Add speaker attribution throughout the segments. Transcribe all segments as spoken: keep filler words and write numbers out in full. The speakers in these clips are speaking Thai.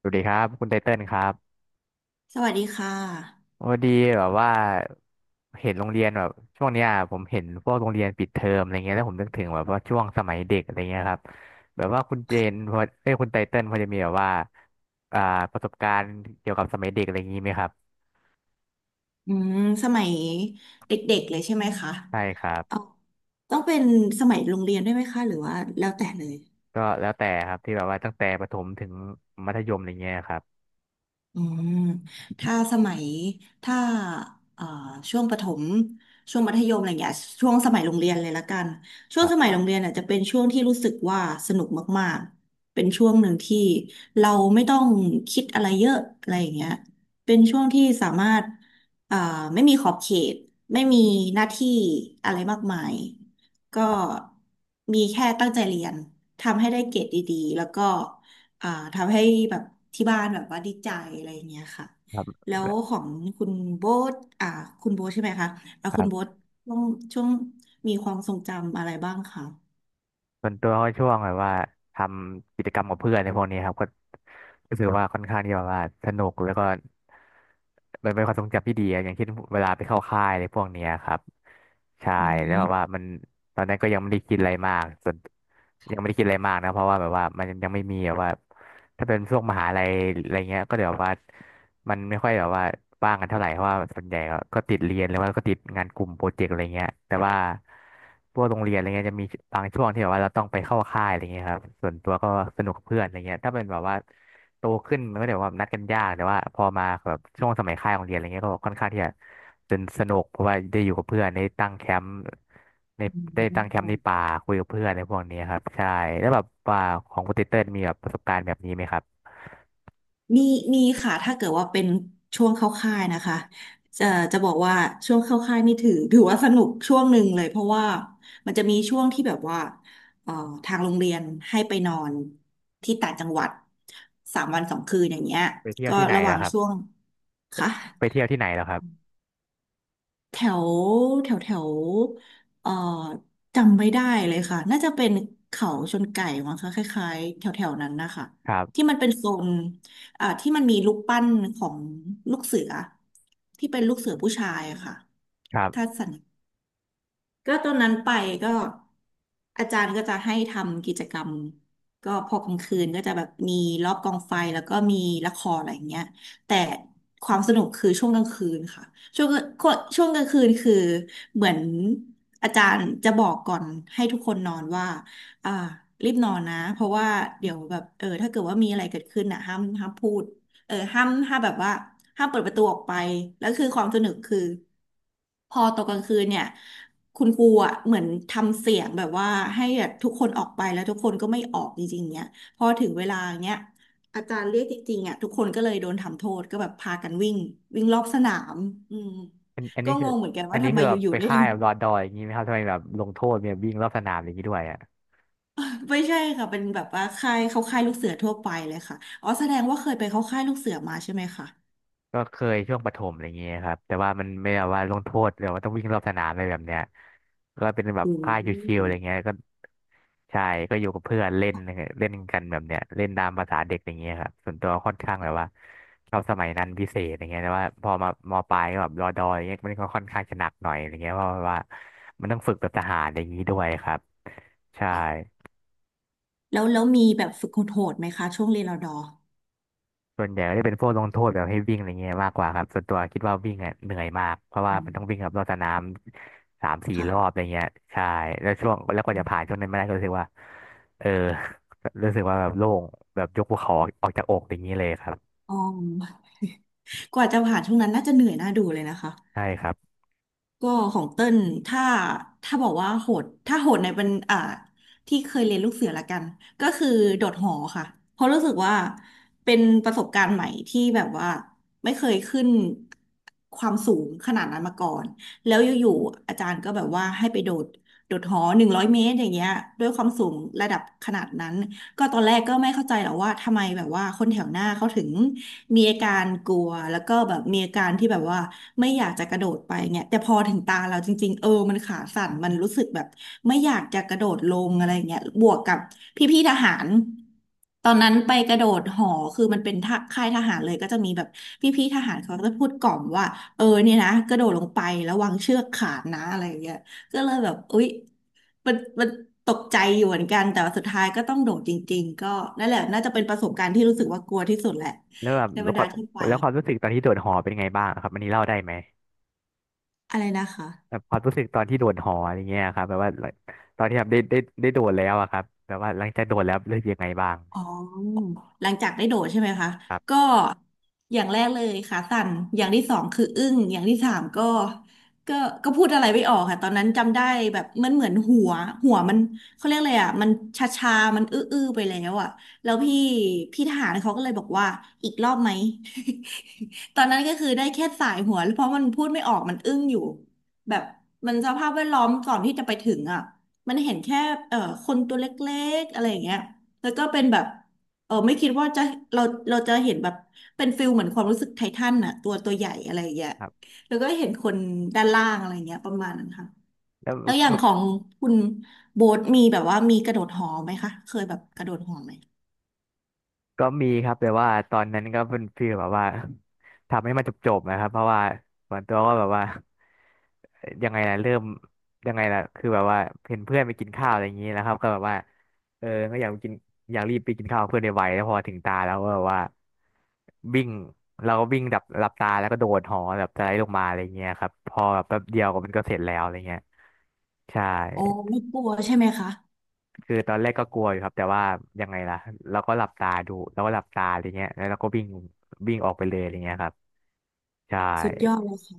Speaker 1: สวัสดีครับคุณไทเติ้ลครับ
Speaker 2: สวัสดีค่ะ
Speaker 1: พอดีแบบว่าเห็นโรงเรียนแบบช่วงเนี้ยผมเห็นพวกโรงเรียนปิดเทอมอะไรเงี้ยแล้วผมนึกถึงแบบว่าช่วงสมัยเด็กอะไรเงี้ยครับแบบว่าคุณเจนพอเอ้ยคุณไทเติ้ลพอจะมีแบบว่าอ่าประสบการณ์เกี่ยวกับสมัยเด็กอะไรอย่างงี้ไหมครับ
Speaker 2: อืมสมัยเด็กๆ เลยใช่ไหมคะ
Speaker 1: ใช่ครั
Speaker 2: เอา
Speaker 1: บ
Speaker 2: ต้องเป็นสมัยโรงเรียนด้วยไหมคะ หรือว่าแล้วแต่เลย
Speaker 1: ก็แล้วแต่ครับที่แบบว่าตั้งแต่ประถมถึงมัธยมอะไรเงี้ยครับ
Speaker 2: อืมถ้าสมัยถ้าเอ่อช่วงประถมช่วงมัธยมอะไรอย่างเงี้ยช่วงสมัยโรงเรียนเลยละกันช่ว
Speaker 1: ค
Speaker 2: ง
Speaker 1: รั
Speaker 2: ส
Speaker 1: บ
Speaker 2: มัยโรงเรียนอ่ะจะเป็นช่วงที่รู้สึกว่าสนุกมากๆเป็นช่วงหนึ่งที่เราไม่ต้องคิดอะไรเยอะอะไรอย่างเงี้ยเป็นช่วงที่สามารถเอ่อไม่มีขอบเขตไม่มีหน้าที่อะไรมากมายก็
Speaker 1: ครับ
Speaker 2: มีแค่ตั้งใจเรียนทำให้ได้เกรดดีๆแล้วก็ อ่าทำให้แบบที่บ้านแบบว่าดีใจอะไรอย่างเงี้ยค่ะแล้
Speaker 1: ค
Speaker 2: วของคุณโบ๊ทอ่าคุณโบ๊ทใช่ไหมคะอ่าคุ
Speaker 1: รั
Speaker 2: ณ
Speaker 1: บ
Speaker 2: โบ๊ทช่วงช่วงมีความทรงจำอะไรบ้างคะ
Speaker 1: ส่วนตัวก็ช่วงแบบว่าทำกิจกรรมกับเพื่อนในพวกนี้ครับก็รู้สึกว่าค่อนข้างที่แบบว่าสนุกแล้วก็มันเป็นความทรงจำที่ดีอะอย่างเช่นเวลาไปเข้าค่ายในพวกเนี้ยครับใช่
Speaker 2: อื
Speaker 1: แล้ว
Speaker 2: ม
Speaker 1: แบบว่ามันตอนนั้นก็ยังไม่ได้คิดอะไรมากส่วนยังไม่ได้คิดอะไรมากนะเพราะว่าแบบว่ามันยังไม่มีแบบว่าถ้าเป็นช่วงมหาลัยอะไรเงี้ยก็เดี๋ยวว่า มันไม่ค่อยแบบว่าว่างกันเท่าไหร่เพราะว่าส่วนใหญ่ก็ก็ติดเรียนหรือว่าก็ติดงานกลุ่มโปรเจกต์อะไรเงี้ยแต่ว่าพวกโรงเรียนอะไรเงี้ยจะมีบางช่วงที่แบบว่าเราต้องไปเข้าค่ายอะไรเงี้ยครับส่วนตัวก็สนุกกับเพื่อนอะไรเงี้ยถ้าเป็นแบบว่าโตขึ้นมันก็เดี๋ยวว่านัดกันยากแต่ว่าพอมาแบบช่วงสมัยค่ายของเรียนอะไรเงี้ยก็ค่อนข้างที่จะสนสนุกเพราะว่าได้อยู่กับเพื่อนได้ตั้งแคมป์ในได้ตั้งแคมป์ในป่าคุยกับเพื่อนในพวกนี้ครับใช่แล้วแบบว่าของคุณเต้ลมีแบบประสบการณ์แบบนี้ไหมครับ
Speaker 2: มีมีค่ะถ้าเกิดว่าเป็นช่วงเข้าค่ายนะคะจะจะบอกว่าช่วงเข้าค่ายนี่ถือ ถือว่าสนุกช่วงหนึ่งเลยเพราะว่ามันจะมีช่วงที่แบบว่าเอ่อทางโรงเรียนให้ไปนอนที่ต่างจังหวัดสามวันสองคืนอย่างเงี้ย
Speaker 1: ไปเที่ยว
Speaker 2: ก็
Speaker 1: ที่ไหน
Speaker 2: ระห
Speaker 1: แล้
Speaker 2: ว่า
Speaker 1: ว
Speaker 2: ง
Speaker 1: ครับ
Speaker 2: ช่วงค่ะ
Speaker 1: ไปเที่ยวที่ไหนแล้วครับ
Speaker 2: แถวแถวแถวเอ่อจำไม่ได้เลยค่ะน่าจะเป็นเขาชนไก่มั้งคะคล้ายๆแถวแถวนั้นนะคะ
Speaker 1: ครั
Speaker 2: ที่
Speaker 1: บ
Speaker 2: มันเป็นโซนอ่าที่มันมีรูปปั้นของลูกเสือที่เป็นลูกเสือผู้ชายอะค่ะ
Speaker 1: ครั
Speaker 2: ถ้า
Speaker 1: บ
Speaker 2: สัน ก็ตอนนั้นไปก็อาจารย์ก็จะให้ทำกิจกรรมก็พอกลางคืนก็จะแบบมีรอบกองไฟแล้วก็มีละครอะไรอย่างเงี้ยแต่ความสนุกคือช่วงกลางคืนค่ะช่วงก็ช่วงกลางคืนคือเหมือนอาจารย์จะบอกก่อนให้ทุกคนนอนว่าอ่ารีบนอนนะเพราะว่าเดี๋ยวแบบเออถ้าเกิดว่ามีอะไรเกิดขึ้นอ่ะห้ามห้ามพูดเออห้ามห้ามแบบว่าห้ามเปิดประตูออกไปแล้วคือความสนุกคือพอตกกลางคืนเนี่ย คุณครูอ่ะเหมือนทำเสียงแบบว่าให้แบบทุกคนออกไปแล้วทุกคนก็ไม่ออกจริงๆเนี่ยพอถึงเวลาเนี้ยอาจารย์เรียกจริงๆอ่ะทุกคนก็เลยโดนทำโทษก็แบบพากันวิ่งวิ่งรอบสนามอืม
Speaker 1: อันอัน
Speaker 2: ก็
Speaker 1: นี้
Speaker 2: ง
Speaker 1: คือ
Speaker 2: งเหมือนกัน
Speaker 1: อั
Speaker 2: ว่า
Speaker 1: นนี้
Speaker 2: ทำไม
Speaker 1: คือ
Speaker 2: อ
Speaker 1: แบบ
Speaker 2: ยู่
Speaker 1: ไป
Speaker 2: ๆได้
Speaker 1: ค่า
Speaker 2: ล
Speaker 1: ย
Speaker 2: ง
Speaker 1: แบบรอดอยอย่างนี้ไหมครับทำไมแบบลงโทษเนี่ยวิ่งรอบสนามอย่างนี้ด้วยอ่ะ
Speaker 2: ไม่ใช่ค่ะเป็นแบบว่าค่ายเขาค่ายลูกเสือทั่วไปเลยค่ะอ๋อแสดงว่าเคยไปเข้าค่ายลูกเสือมาใช่ไหมคะ
Speaker 1: ก็เคยช่วงประถมอะไรอย่างเงี้ยครับแต่ว่ามันไม่ได้ว่าลงโทษหรือว่าต้องวิ่งรอบสนามอะไรแบบเนี้ยก็เป็นแบบ
Speaker 2: อื
Speaker 1: ค่ายชิวๆอะไร
Speaker 2: ม
Speaker 1: เงี้ยก็ใช่ก็อยู่กับเพื่อนเล่นเล่นกันแบบเนี้ยเล่นตามภาษาเด็กอย่างเงี้ยครับส่วนตัวค่อนข้างแบบว่าชอบสมัยนั้นพิเศษอย่างเงี้ยแต่ว่าพอมามปลายก็แบบรอดอยอย่างเงี้ยมันก็ค่อนข้างจะหนักหน่อยอย่างเงี้ยเพราะว่ามันต้องฝึกแบบทหารอย่างนี้ด้วยครับใช่
Speaker 2: ค่ะแล้วแล้วมีแบบฝึกโหดๆไหมคะช่วงเรียนรอดอ
Speaker 1: ส่วนใหญ่ก็จะเป็นพวกลงโทษแบบให้วิ่งอะไรเงี้ยมากกว่าครับส่วนตัวคิดว่าวิ่งอะเหนื่อยมากเพราะว่า
Speaker 2: อื
Speaker 1: มัน
Speaker 2: ม
Speaker 1: ต้องวิ่งกับรอบสนามสามสี่รอบอะ
Speaker 2: ค่ะ
Speaker 1: ไรเงี้ยใช่แล้วช่วงแล้วกว่าจะผ่านช่วงนั้นมาได้ก็รู้สึกว่าเออรู้สึกว่าแบบโล่งแบบยกภูเขาออกจากอกอย่างนี้เลยครับ
Speaker 2: อ๋อ กว่าจะผ่านช่วงนั้นน่าจะเหนื่อยน่าดูเลยนะคะ
Speaker 1: ใช่ครับ
Speaker 2: ก็ของเต้นถ้าถ้าบอกว่าโหดถ้าโหดในเป็นอ่าที่เคยเรียนลูกเสือละกันก็คือโดดหอค่ะเพราะรู้สึกว่าเป็นประสบการณ์ใหม่ที่แบบว่าไม่เคยขึ้นความสูงขนาดนั้นมาก่อนแล้วอยู่ๆอาจารย์ก็แบบว่าให้ไปโดดโดดหอหนึ่งร้อยเมตรอย่างเงี้ยด้วยความสูงระดับขนาดนั้น ก็ตอนแรกก็ไม่เข้าใจหรอกว่าทำไมแบบว่าคนแถวหน้าเขาถึงมีอาการกลัวแล้วก็แบบมีอาการที่แบบว่าไม่อยากจะกระโดดไปเนี่ยแต่พอถึงตาเราจริงๆเออมันขาสั่นมันรู้สึกแบบไม่อยากจะกระโดดลงอะไรเงี้ยบวกกับพี่ๆทหารตอนนั้นไปกระโดดหอคือมันเป็นท่าค่ายทหารเลยก็จะมีแบบพี่ๆทหารเขาก็จะพูดกล่อมว่าเออเนี่ยนะกระโดดลงไประวังเชือกขาดนะอะไรอย่างเงี้ยก็เลยแบบอุ๊ย มันมันตกใจอยู่เหมือนกันแต่ว่าสุดท้ายก็ต้องโดดจริงๆก็นั่นแหละน่าจะเป็นประสบการณ์ที่รู้สึกว่ากลัวที่สุดแหละ
Speaker 1: แล้วแบบ
Speaker 2: ใน
Speaker 1: แล้
Speaker 2: บร
Speaker 1: ว
Speaker 2: ร
Speaker 1: ควา
Speaker 2: ดา
Speaker 1: ม
Speaker 2: ที่ไป
Speaker 1: แล้วความรู้สึกตอนที่โดดหอเป็นไงบ้างครับอันนี้เล่าได้ไหม
Speaker 2: อะไรนะคะ
Speaker 1: แบบความรู้สึกตอนที่โดดหออะไรเงี้ยครับแบบว่าตอนที่แบบได้ได้ได้โดดแล้วอะครับแบบว่าหลังจากโดดแล้วรู้สึกยังไงบ้าง
Speaker 2: อ๋อหลังจากได้โดดใช่ไหมคะ
Speaker 1: ครับ
Speaker 2: ก็อย่างแรกเลยขาสั่นอย่างที่สองคืออึ้งอย่างที่สามก็ก็ก็พูดอะไรไม่ออกค่ะตอนนั้นจำได้แบบมันเหมือนหัวหัวมันเขาเรียกอะไรอ่ะมันชาชามันอื้ออื้อไปแล้วอ่ะแล้วพี่พี่ทหารเขาก็เลยบอกว่าอีกรอบไหม ตอนนั้นก็คือได้แค่สายหัวเพราะมันพูดไม่ออกมันอึ้งอยู่แบบมันสภาพแวดล้อมก่อนที่จะไปถึงอ่ะมันเห็นแค่เอ่อคนตัวเล็กๆอะไรอย่างเงี้ย แล้วก็เป็นแบบเออไม่คิดว่าจะเราเราจะเห็นแบบเป็นฟิลเหมือนความรู้สึกไททันน่ะตัวตัวใหญ่อะไรอย่างเงี้ย
Speaker 1: ครับ
Speaker 2: แล้วก็เห็นคนด้านล่างอะไรเงี้ยประมาณนั้นค่ะ
Speaker 1: แล้ว
Speaker 2: แล้วอย่างของคุณโบ๊ทมีแบบว่ามีกระโดดหอไหมคะเคยแบบกระโดดหอไหม
Speaker 1: ก็มีครับแต่ว่าตอนนั้นก็เป็นฟีลแบบว่าทำให้มันจบๆนะครับเพราะว่าส่วนตัวก็แบบว่ายังไงล่ะเริ่มยังไงล่ะคือแบบว่าเห็นเพื่อนไปกินข้าวอะไรอย่างนี้แล้วครับก็แบบว่าเออก็อยากไปกินอยากรีบไปกินข้าวกับเพื่อนในไวๆแล้วพอถึงตาแล้วก็แบบว่าวิ่งเราก็วิ่งดับหลับตาแล้วก็โดดหอแบบสไลด์ลงมาอะไรเงี้ยครับพอแบบแป๊บเดียวก็มันก็เสร็จแล้วอะไรเงี้ยใช่
Speaker 2: โอ้ไม่กลัวใช่ไหมคะ
Speaker 1: คือตอนแรกก็กลัวอยู่ครับแต่ว่ายังไงล่ะเราก็หลับตาดูเราก็หลับตาอะไรเงี้ยแล้วเราก็วิ่งวิ่งออกไปเลยอะไรเงี้ยครับใช่
Speaker 2: สุดยอดเลยค่ะ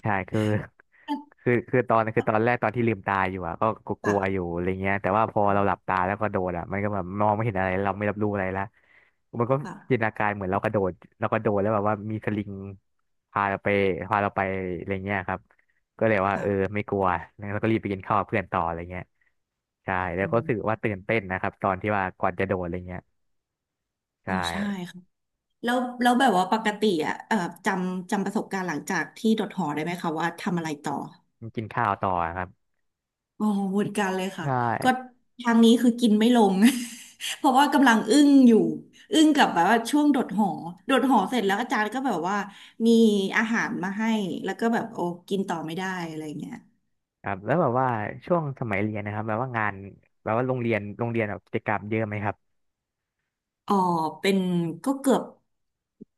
Speaker 1: ใช่คือ คือคือตอนคือตอนแรกตอนที่ลืมตาอยู่อะก็ก็ก
Speaker 2: ค่ะ
Speaker 1: ลัวอยู่อะไรเงี้ยแต่ว่าพอเราหลับตาแล้วก็โดดอะมันก็แบบมองไม่เห็นอะไรเราไม่รับรู้อะไรละมันก็จินต
Speaker 2: ค่ะ
Speaker 1: นาการเหมือนเรากระโดดเรากระโดดแล้วแบบว่ามีสลิงพาเราไปพาเราไปอะไรเงี้ยครับก็เลยว่าเออ
Speaker 2: ค่ะ
Speaker 1: ไม่กลัวแล้วก็รีบไปกินข้าวกับเพื่อนต่ออะไรเงี้ยใช่แล้
Speaker 2: อื
Speaker 1: วก็รู้
Speaker 2: ม
Speaker 1: สึกว่าตื่นเต้นนะครับตอนที่ว่าก่อนจะโดดอะไรเงี้ยใช
Speaker 2: อ๋อใช่
Speaker 1: ่
Speaker 2: ค่ะแล้วแล้วแบบว่าปกติอ่ะเอ่อจำจำประสบการณ์หลังจากที่โดดหอได้ไหมคะว่าทำอะไรต่อ
Speaker 1: กินข้าวต่อครับ
Speaker 2: อ๋อเหมือนกันเลย
Speaker 1: ใช
Speaker 2: ค่ะ ก็
Speaker 1: ่
Speaker 2: ทางนี้คือกินไม่ลง เพราะว่ากำลังอึ้งอยู่ อึ้งกับแบบว่าช่วงโดดหอโดดหอเสร็จแล้วอาจารย์ก็แบบว่ามีอาหารมาให้ แล้วก็แบบโอ้กินต่อไม่ได้อะไรเงี้ย
Speaker 1: ครับแล้วแบบว่าช่วงสมัยเรียนนะครับแบบว่างานแบบว่าโรงเรียนโรงเรียนแบบกิจกรรมเยอะไหมครับ
Speaker 2: อ๋อเป็นก็เกือบ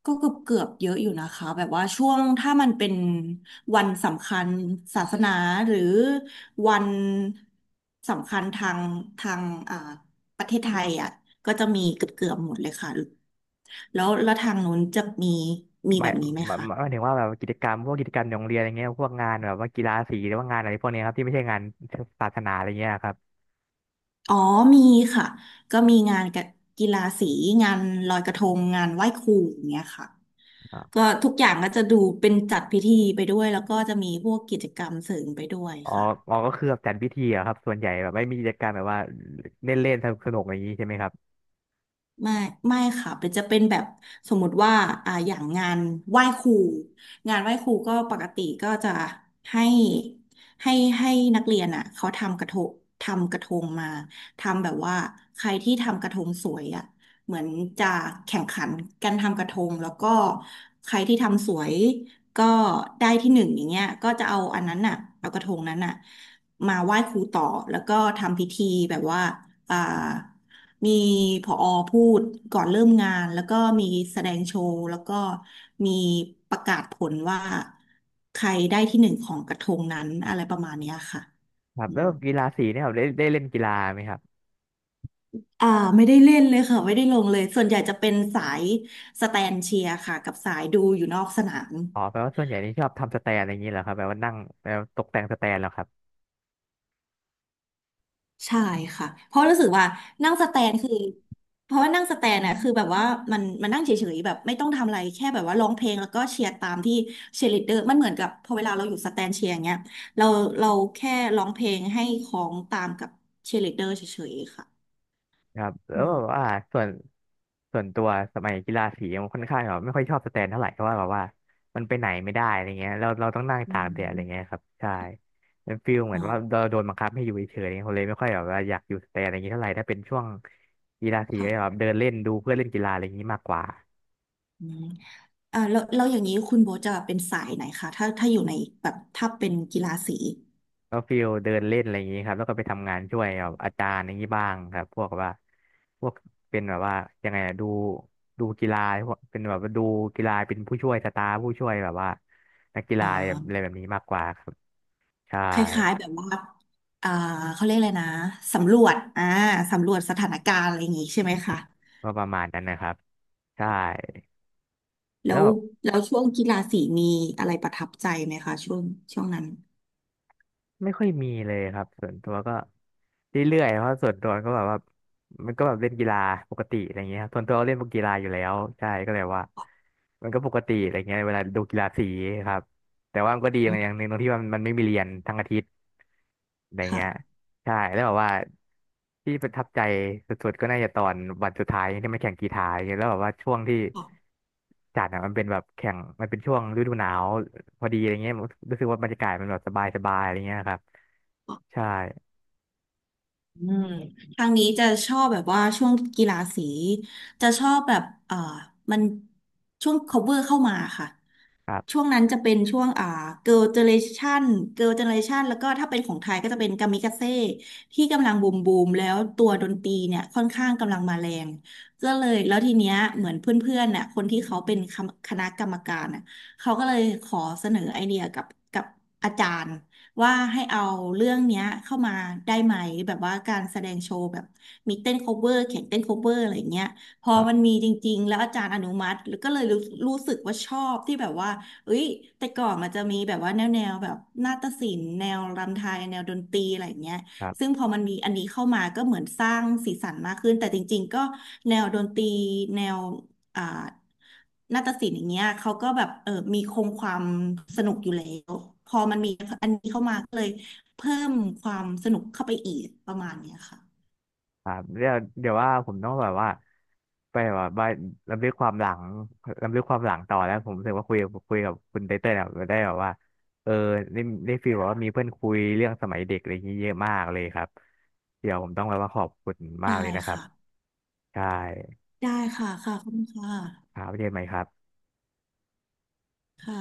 Speaker 2: ก็เกือบเกือบเยอะอยู่นะคะแบบว่าช่วงถ้ามันเป็นวันสำคัญศาสนาหรือวันสำคัญทางทางอ่าประเทศไทยอ่ะก็จะมีเกือบเกือบหมดเลยค่ะแล้วแล้วทางนู้นจะมีมี
Speaker 1: หมา
Speaker 2: แบ
Speaker 1: ย
Speaker 2: บนี้ไหม
Speaker 1: หมาย
Speaker 2: คะ
Speaker 1: หมายถึงว่าแบบกิจกรรมพวกกิจกรรมในโรงเรียนอะไรเงี้ยพวกงานแบบว่ากีฬาสีหรือว่างานอะไรพวกเนี้ยครับที่ไม่ใช่งานศาสนาอะไรเงี้ยครับ
Speaker 2: อ๋อมีค่ะก็มีงานกับกีฬาสีงานลอยกระทงงานไหว้ครูอย่างเงี้ยค่ะ
Speaker 1: อ๋อ
Speaker 2: ก็ทุกอย่างก็จะดูเป็นจัดพิธีไปด้วยแล้วก็จะมีพวกกิจกรรมเสริมไปด้วย
Speaker 1: อ๋อ
Speaker 2: ค่ะ
Speaker 1: ก็คือแบบจัดพิธีอะครับส่วนใหญ่แบบไม่มีกิจกรรมแบบว่าเล่นเล่นสนุกสนุกอย่างนี้ใช่ไหมครับ
Speaker 2: ไม่ไม่ค่ะเป็นจะเป็นแบบสมมุติว่าอ่าอย่างงานไหว้ครูงานไหว้ครูก็ปกติก็จะให้ให้ให้นักเรียนอ่ะเขาทำกระทงทำกระทงมาทำแบบว่าใครที่ทำกระทงสวยอ่ะเหมือนจะแข่งขันกันทำกระทงแล้วก็ใครที่ทำสวยก็ได้ที่หนึ่งอย่างเงี้ยก็จะเอาอันนั้นอ่ะเอากระทงนั้นอ่ะมาไหว้ครูต่อแล้วก็ทำพิธีแบบว่าอ่า มีผอพูดก่อนเริ่มงานแล้วก็มีแสดงโชว์แล้วก็มีประกาศผลว่าใครได้ที่หนึ่งของกระทงนั้นอะไรประมาณเนี้ยค่ะ
Speaker 1: ครับ
Speaker 2: อื
Speaker 1: แล้
Speaker 2: ม
Speaker 1: วกีฬาสีเนี่ยครับได้ได้เล่นกีฬาไหมครับ
Speaker 2: อ่าไม่ได้เล่นเลยค่ะไม่ได้ลงเลยส่วนใหญ่จะเป็นสายสแตนเชียร์ค่ะกับสายดูอยู่นอกสนาม
Speaker 1: อ๋อแปลว่าส่วนใหญ่นี่ชอบทำสแตนอะไรอย่างนี้เหรอครับแบบว่านั่งแบบตกแต่งสแตนเหรอครับ
Speaker 2: ใช่ค่ะเพราะรู้สึกว่านั่งสแตนคือเพราะว่านั่งสแตนน่ะคือแบบว่ามันมันนั่งเฉยๆแบบไม่ต้องทำอะไรแค่แบบว่าร้องเพลงแล้วก็เชียร์ตามที่เชียร์ลีดเดอร์มันเหมือนกับพอเวลาเราอยู่สแตนเชียร์อย่างเงี้ยเราเราแค่ร้องเพลงให้ของตามกับเชียร์ลีดเดอร์เฉยๆค่ะ
Speaker 1: ครับแล้
Speaker 2: อื
Speaker 1: วแบบ
Speaker 2: ม
Speaker 1: ว่าส่วนส่วนตัวสมัยกีฬาสีมันค่อนข้างแบบไม่ค่อยชอบสแตนเท่าไหร่เพราะว่าแบบว่ามันไปไหนไม่ได้อะไรเงี้ยเราเราต้องนั่ง
Speaker 2: อื
Speaker 1: ตากแดดอะไรเงี้ย
Speaker 2: ม
Speaker 1: ครับใช่เป็นฟีลเหมื
Speaker 2: อ๋
Speaker 1: อ
Speaker 2: อ
Speaker 1: นว่าเราโดนบังคับให้อยู่เฉยๆเขาเลยไม่ค่อยแบบว่าอยากอยู่สแตนอะไรเงี้ยเท่าไหร่ถ้าเป็นช่วงกีฬาสี
Speaker 2: ค่ะ
Speaker 1: ก็จะแบบเดินเล่นดูเพื่อนเล่นกีฬาอะไรอย่างงี้มากกว่า
Speaker 2: อืมอ่าแล้วแล้วอย่างนี้คุณโบทจะเป็นสายไหนคะถ้าถ้าอยู่ในแบบถ้าเป็นกีฬาสี
Speaker 1: ก็ฟิลเดินเล่นอะไรอย่างนี้ครับแล้วก็ไปทำงานช่วยแบบอาจารย์อย่างนี้บ้างครับพวกแบบว่าพวกเป็นแบบว่ายังไงอะดูดูกีฬาพวกเป็นแบบว่าดูกีฬาเป็นผู้ช่วยสตาฟผู้ช่วยแบบว่านักกี
Speaker 2: อ๋
Speaker 1: ฬา
Speaker 2: อ
Speaker 1: อะไรอะไรแบบนี้มากกว่าครับใช่
Speaker 2: คล้ายๆแบบว่าอ่าเขาเรียกอะไรนะสำรวจอ่าสำรวจสถานการณ์อะไรอย่างงี้ใช่ไหมคะ
Speaker 1: ก็ประมาณนั้นนะครับใช่
Speaker 2: แล้
Speaker 1: แล้ว
Speaker 2: ว
Speaker 1: แบบ
Speaker 2: แล้วช่วงกีฬาสีมีอะไรประทับใจไหมคะช่วงช่วงนั้น
Speaker 1: ไม่ค่อยมีเลยครับส่วนตัวก็เรื่อยๆเพราะส่วนตัวก็แบบว่ามันก็แบบเล่นกีฬาปกติอะไรเงี้ยครับส่วนตัวก็เล่นพวกกีฬาอยู่แล้วใช่ก็เลยว่ามันก็ปกติอะไรเงี้ยเวลาดูกีฬาสีครับแต่ว่ามันก็ดีอ
Speaker 2: อ๋อ
Speaker 1: ย่างหนึ่งตรงที่ว่ามันไม่มีเรียนทั้งอาทิตย์อะไร
Speaker 2: ค่ะ
Speaker 1: เงี้ยใช่แล้วแบบว่าที่ประทับใจสุดๆก็น่าจะตอนวันสุดท้ายที่มาแข่งกีฬาอย่างเงี้ยแล้วแบบว่าช่วงที่
Speaker 2: อ๋อ
Speaker 1: จัดอะมันเป็นแบบแข่งมันเป็นช่วงฤดูหนาว พอดีอะไรเงี้ยผมรู้สึกว่าบรรยากาศมันแบบสบายสบายอะไรเงี้ยครับ
Speaker 2: อ๋อ
Speaker 1: ใช่
Speaker 2: อืมทางนี้จะชอบแบบว่าช่วงกีฬาสี จะชอบแบบเอ่อมันช่วง cover เข้ามาค่ะ
Speaker 1: ครั
Speaker 2: ช่
Speaker 1: บ
Speaker 2: วงนั้นจะเป็นช่วงอ่าเกิร์ลเจเนเรชันเกิร์ลเจเนเรชันแล้วก็ถ้าเป็นของไทยก็จะเป็นกามิกาเซ่ที่กำลังบูมบูมแล้วตัวดนตรีเนี่ยค่อนข้างกำลังมาแรงก็เลยแล้วทีเนี้ยเหมือนเพื่อนๆน่ะคนที่เขาเป็นคำคณะกรรมการน่ะเขาก็เลยขอเสนอไอเดียกับกับอาจารย์ว่าให้เอาเรื่องเนี้ยเข้ามาได้ไหมแบบว่าการแสดงโชว์แบบมีเต้นโคเวอร์แข่งเต้นโคเวอร์อะไรอย่างเงี้ยพอ
Speaker 1: ครั
Speaker 2: มัน
Speaker 1: บ
Speaker 2: มีจริงๆแล้วอาจารย์อนุมัติแล้วก็เลยรู้รู้สึกว่าชอบที่แบบว่า เอ้ยแต่ก่อนมันจะมีแบบว่าแนวแนวแบบนาฏศิลป์แนวรำไทยแนวดนตรีอะไรอย่างเงี้ย
Speaker 1: ครั
Speaker 2: ซึ่
Speaker 1: บ
Speaker 2: งพอมันมีอันนี้เข้ามาก็เหมือนสร้างสีสันมากขึ้นแต่จริงๆก็แนวดนตรีแนวอ่านาฏศิลป์อย่างเงี้ยเขาก็แบบเออมีคงความสนุกอยู่แล้วพอมันมีอันนี้เข้ามาก็เลยเพิ่มความสนุกเข้าไปอีกประมาณเนี้ยค่ะ
Speaker 1: ครับเดี๋ยวเดี๋ยวว่าผมต้องแบบว่าไปแบบว่าลำลึกความหลังลำลึกความหลังต่อแล้วผมรู้สึกว่าคุยคุยกับคุณไตเติ้ลแบบได้แบบว่าเออได้ได้ฟีลแบบว่ามีเพื่อนคุยเรื่องสมัยเด็กอะไรอย่างนี้เยอะมากเลยครับเดี๋ยวผมต้องแบบว่าขอบคุณมา
Speaker 2: ได้
Speaker 1: กเลยนะครับ
Speaker 2: ค่ะ
Speaker 1: ใช่
Speaker 2: ได้ค่ะค่ะขอบคุณค่ะ
Speaker 1: ครับไว้เจอกันใหม่ครับ
Speaker 2: ค่ะ